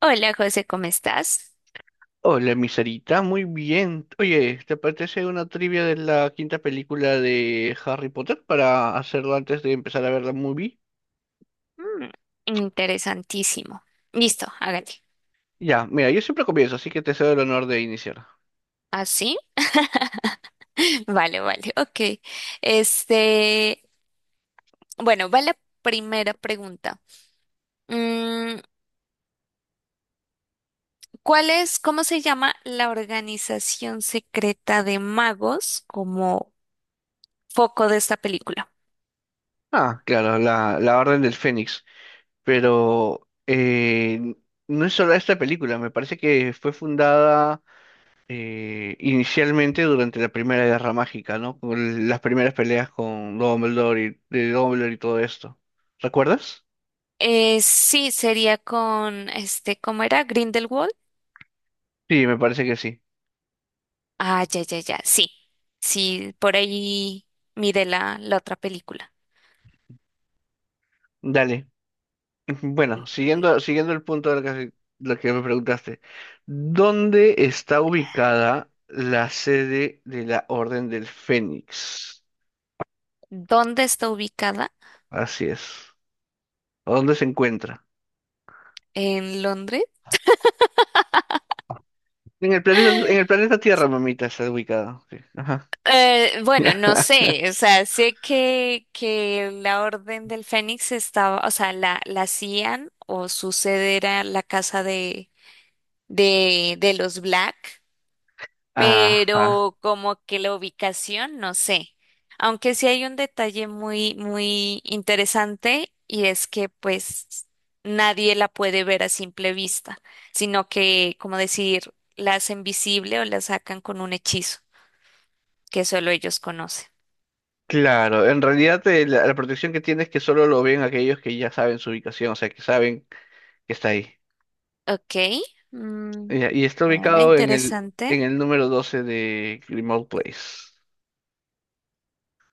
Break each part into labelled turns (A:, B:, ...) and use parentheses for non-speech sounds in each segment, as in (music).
A: Hola José, ¿cómo estás?
B: Hola, mi Sarita, muy bien. Oye, ¿te apetece una trivia de la quinta película de Harry Potter para hacerlo antes de empezar a ver la movie?
A: Mm, interesantísimo. Listo, hágale.
B: Ya, mira, yo siempre comienzo, así que te cedo el honor de iniciar.
A: ¿Así? (laughs) Vale, vale, ok. Este, bueno, va la primera pregunta. Mm, ¿cuál es, cómo se llama la organización secreta de magos como foco de esta película?
B: Ah, claro, la Orden del Fénix. Pero no es solo esta película, me parece que fue fundada inicialmente durante la Primera Guerra Mágica, ¿no? Con las primeras peleas con Dumbledore de Dumbledore y todo esto. ¿Recuerdas?
A: Sí, sería con, ¿cómo era? Grindelwald.
B: Sí, me parece que sí.
A: Ah, ya, ya, ya, sí. Sí, por ahí mire la otra película.
B: Dale. Bueno, siguiendo el punto de lo que me preguntaste, ¿dónde está ubicada la sede de la Orden del Fénix?
A: ¿Dónde está ubicada?
B: Así es. ¿O dónde se encuentra?
A: ¿En Londres?
B: En el planeta Tierra, mamita, está ubicada. Sí. Ajá.
A: Bueno, no sé, o sea, sé que la Orden del Fénix estaba, o sea, la hacían o su sede era la casa de los Black,
B: Ajá.
A: pero como que la ubicación, no sé. Aunque sí hay un detalle muy, muy interesante y es que pues nadie la puede ver a simple vista, sino que, como decir, la hacen visible o la sacan con un hechizo que solo ellos conocen.
B: Claro, en realidad la protección que tiene es que solo lo ven aquellos que ya saben su ubicación, o sea, que saben que está ahí.
A: Ok, mm,
B: Ya, y, está
A: bueno,
B: ubicado en
A: interesante.
B: en el número 12 de Grimald Place.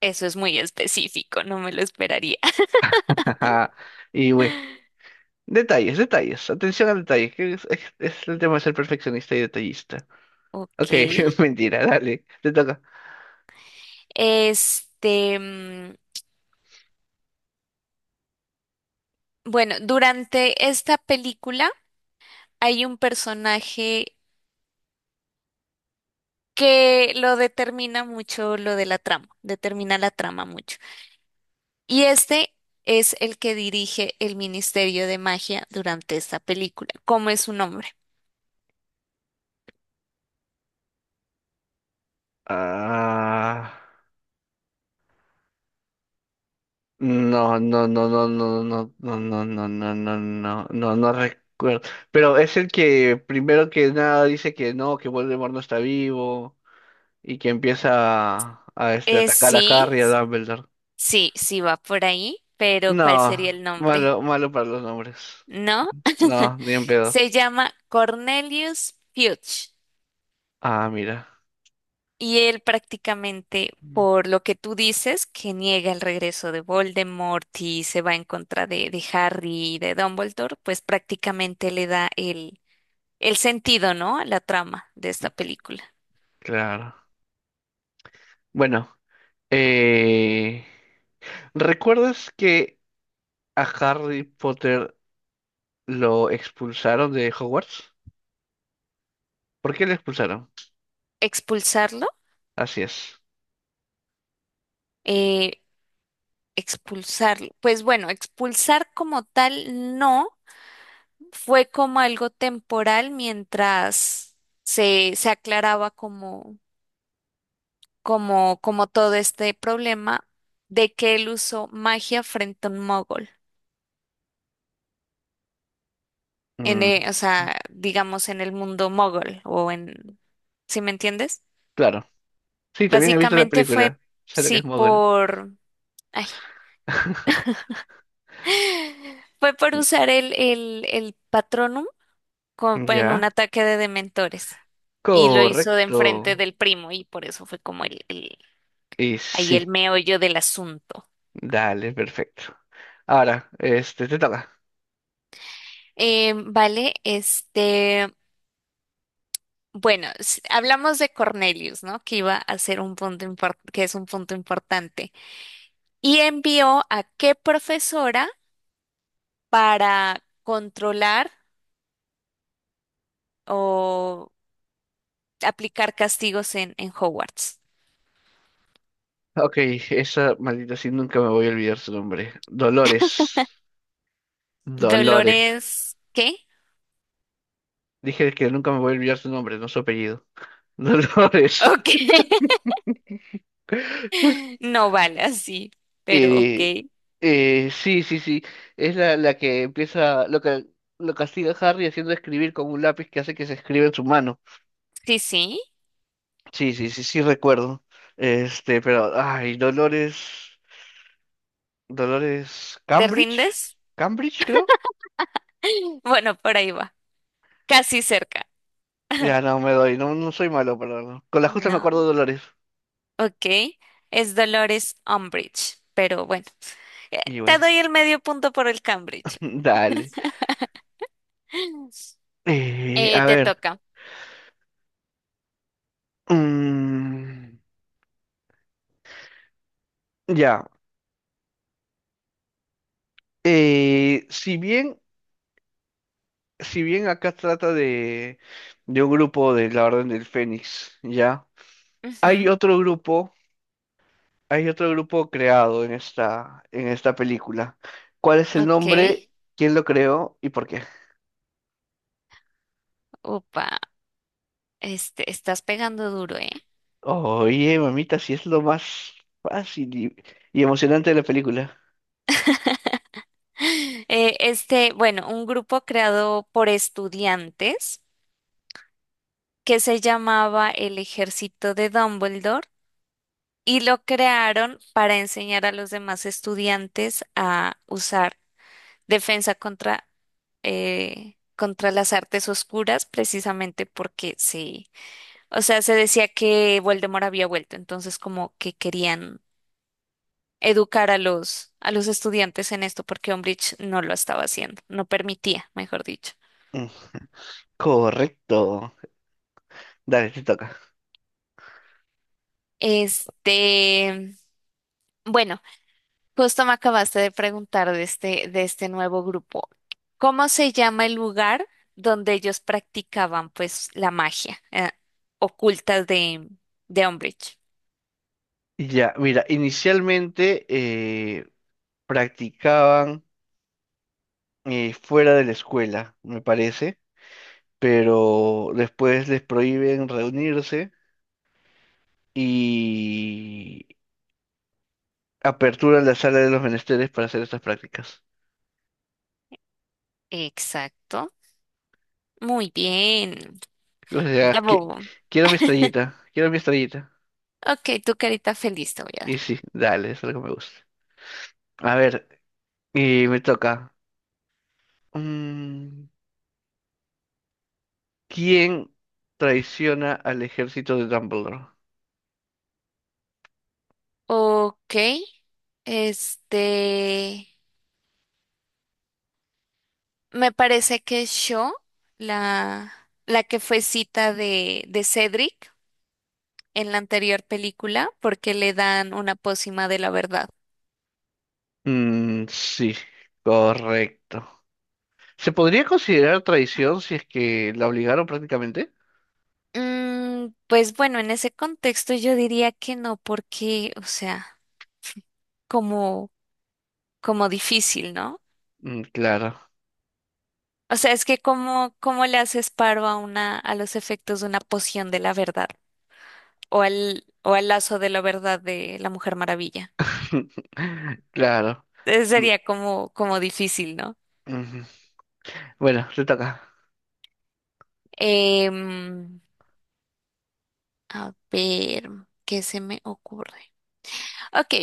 A: Eso es muy específico, no me lo esperaría. (laughs)
B: (laughs) Ajá. Y, güey. Detalles, detalles, atención a detalles, que es, es el tema de ser perfeccionista y detallista.
A: Ok,
B: Ok, (laughs) mentira, dale, te toca.
A: mm, bueno, durante esta película hay un personaje que lo determina mucho lo de la trama, determina la trama mucho. Y este es el que dirige el Ministerio de Magia durante esta película. ¿Cómo es su nombre?
B: Ah, no, no, no, no, no, no, no, no, no, no, no, no, no, no recuerdo. Pero es el que primero que nada dice que no, que Voldemort no está vivo y que empieza a atacar a
A: Sí.
B: Harry y a Dumbledore.
A: Sí, sí va por ahí, pero ¿cuál sería
B: No,
A: el nombre?
B: malo, malo para los nombres.
A: No,
B: No, ni en pedo.
A: se llama Cornelius Fudge,
B: Ah, mira,
A: y él prácticamente, por lo que tú dices, que niega el regreso de Voldemort y se va en contra de Harry y de Dumbledore, pues prácticamente le da el sentido, ¿no? A la trama de esta película.
B: claro. Bueno. Eh, ¿Recuerdas que a Harry Potter lo expulsaron de Hogwarts? ¿Por qué lo expulsaron?
A: ¿Expulsarlo?
B: Así es.
A: Eh, Expulsarlo. Pues bueno, expulsar como tal no fue, como algo temporal mientras se aclaraba como todo este problema de que él usó magia frente a un mogol, en,
B: Mm,
A: o sea, digamos en el mundo mogol o en, ¿sí me entiendes?
B: claro. Sí, también he visto la
A: Básicamente fue,
B: película. Sale que es
A: sí,
B: mogul.
A: por, ay,
B: (laughs)
A: fue por usar el Patronum como en un
B: Ya.
A: ataque de dementores. Y lo hizo de
B: Correcto.
A: enfrente del primo y por eso fue como el...
B: Y
A: Ahí el
B: sí.
A: meollo del asunto.
B: Dale, perfecto. Ahora, este, te toca.
A: Vale, bueno, hablamos de Cornelius, ¿no? Que iba a ser un que es un punto importante. Y envió a qué profesora para controlar o aplicar castigos en Hogwarts.
B: Ok, esa maldita sí nunca me voy a olvidar su nombre. Dolores. Dolores.
A: Dolores, ¿qué?
B: Dije que nunca me voy a olvidar su nombre, no su apellido. (laughs) Dolores.
A: Ok. (laughs) No vale así, pero ok.
B: Eh, sí, sí, sí. Es la que empieza, lo que lo castiga a Harry haciendo escribir con un lápiz que hace que se escriba en su mano.
A: Sí, sí.
B: Sí, sí, sí, sí recuerdo. Este, pero, ay, Dolores, Dolores
A: ¿Te
B: Cambridge,
A: rindes?
B: Cambridge creo.
A: (laughs) Bueno, por ahí va. Casi cerca.
B: Ya
A: (laughs)
B: no me doy, no, no soy malo, pero no, con la justa me acuerdo
A: No.
B: de Dolores.
A: Ok, es Dolores Umbridge, pero bueno,
B: Y
A: te
B: bueno,
A: doy el medio punto por el Cambridge.
B: (laughs)
A: (gasps)
B: dale.
A: (laughs)
B: A
A: Te
B: ver,
A: toca.
B: mm, ya. Eh, si bien si bien acá trata de un grupo de la Orden del Fénix, ¿ya? Hay
A: Ujú,
B: otro grupo, hay otro grupo creado en en esta película. ¿Cuál es el
A: ok,
B: nombre? ¿Quién lo creó y por qué?
A: upa, estás pegando duro, ¿eh?
B: Oye, mamita, si es lo más fácil y emocionante de la película.
A: (gasps) Este, bueno, un grupo creado por estudiantes que se llamaba el Ejército de Dumbledore y lo crearon para enseñar a los demás estudiantes a usar defensa contra, contra las artes oscuras, precisamente porque sí, o sea, se decía que Voldemort había vuelto, entonces como que querían educar a a los estudiantes en esto, porque Umbridge no lo estaba haciendo, no permitía, mejor dicho.
B: Mm, correcto. Dale, te toca.
A: Este, bueno. Justo me acabaste de preguntar de de este nuevo grupo. ¿Cómo se llama el lugar donde ellos practicaban pues la magia ocultas de Umbridge?
B: Ya, mira, inicialmente practicaban fuera de la escuela, me parece. Pero después les prohíben reunirse y aperturan la sala de los menesteres para hacer estas prácticas.
A: Exacto. Muy bien.
B: O sea, que
A: Bravo.
B: quiero mi estrellita, quiero mi estrellita.
A: Ok, tu carita feliz te voy a dar.
B: Y sí, dale, es algo que me gusta. A ver, y me toca. Mm, ¿quién traiciona al ejército de Dumbledore?
A: Ok, este, me parece que yo, la, la que fue cita de Cedric en la anterior película, porque le dan una pócima de la verdad.
B: Mm, sí, correcto. ¿Se podría considerar traición si es que la obligaron prácticamente?
A: Mm, pues bueno, en ese contexto yo diría que no, porque, o sea, como, como difícil, ¿no?
B: Mm, claro.
A: O sea, es que como, cómo le haces paro a una, a los efectos de una poción de la verdad, o al lazo de la verdad de la Mujer Maravilla.
B: (laughs) Claro.
A: Entonces
B: Ujú.
A: sería como, como difícil, ¿no?
B: Bueno, te toca.
A: Em, a ver, ¿qué se me ocurre? Ok.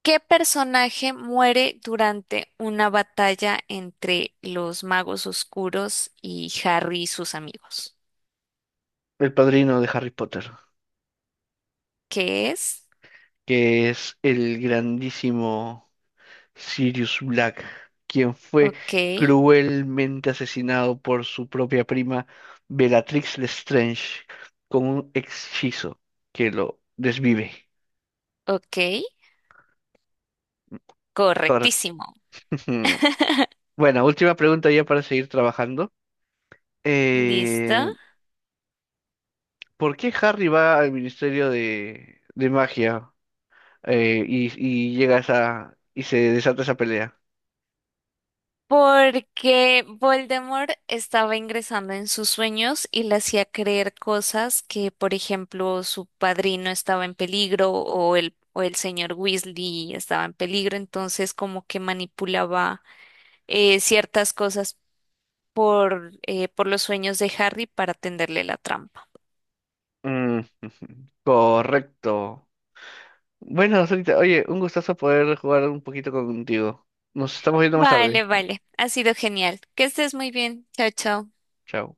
A: ¿Qué personaje muere durante una batalla entre los magos oscuros y Harry y sus amigos?
B: El padrino de Harry Potter,
A: ¿Qué es?
B: que es el grandísimo Sirius Black, quien fue
A: Ok,
B: cruelmente asesinado por su propia prima Bellatrix Lestrange con un hechizo que lo desvive.
A: ok,
B: Cor-
A: correctísimo.
B: (laughs)
A: (laughs)
B: Bueno, última pregunta ya para seguir trabajando.
A: Listo.
B: Eh, ¿Por qué Harry va al Ministerio de Magia y llega esa y se desata esa pelea?
A: Porque Voldemort estaba ingresando en sus sueños y le hacía creer cosas que, por ejemplo, su padrino estaba en peligro o o el señor Weasley estaba en peligro, entonces como que manipulaba ciertas cosas por los sueños de Harry para tenderle la trampa.
B: Mm, (laughs) correcto. Bueno, ahorita, oye, un gustazo poder jugar un poquito contigo. Nos estamos viendo más tarde.
A: Vale, vale, ha sido genial. Que estés muy bien. Chao, chao.
B: Chao.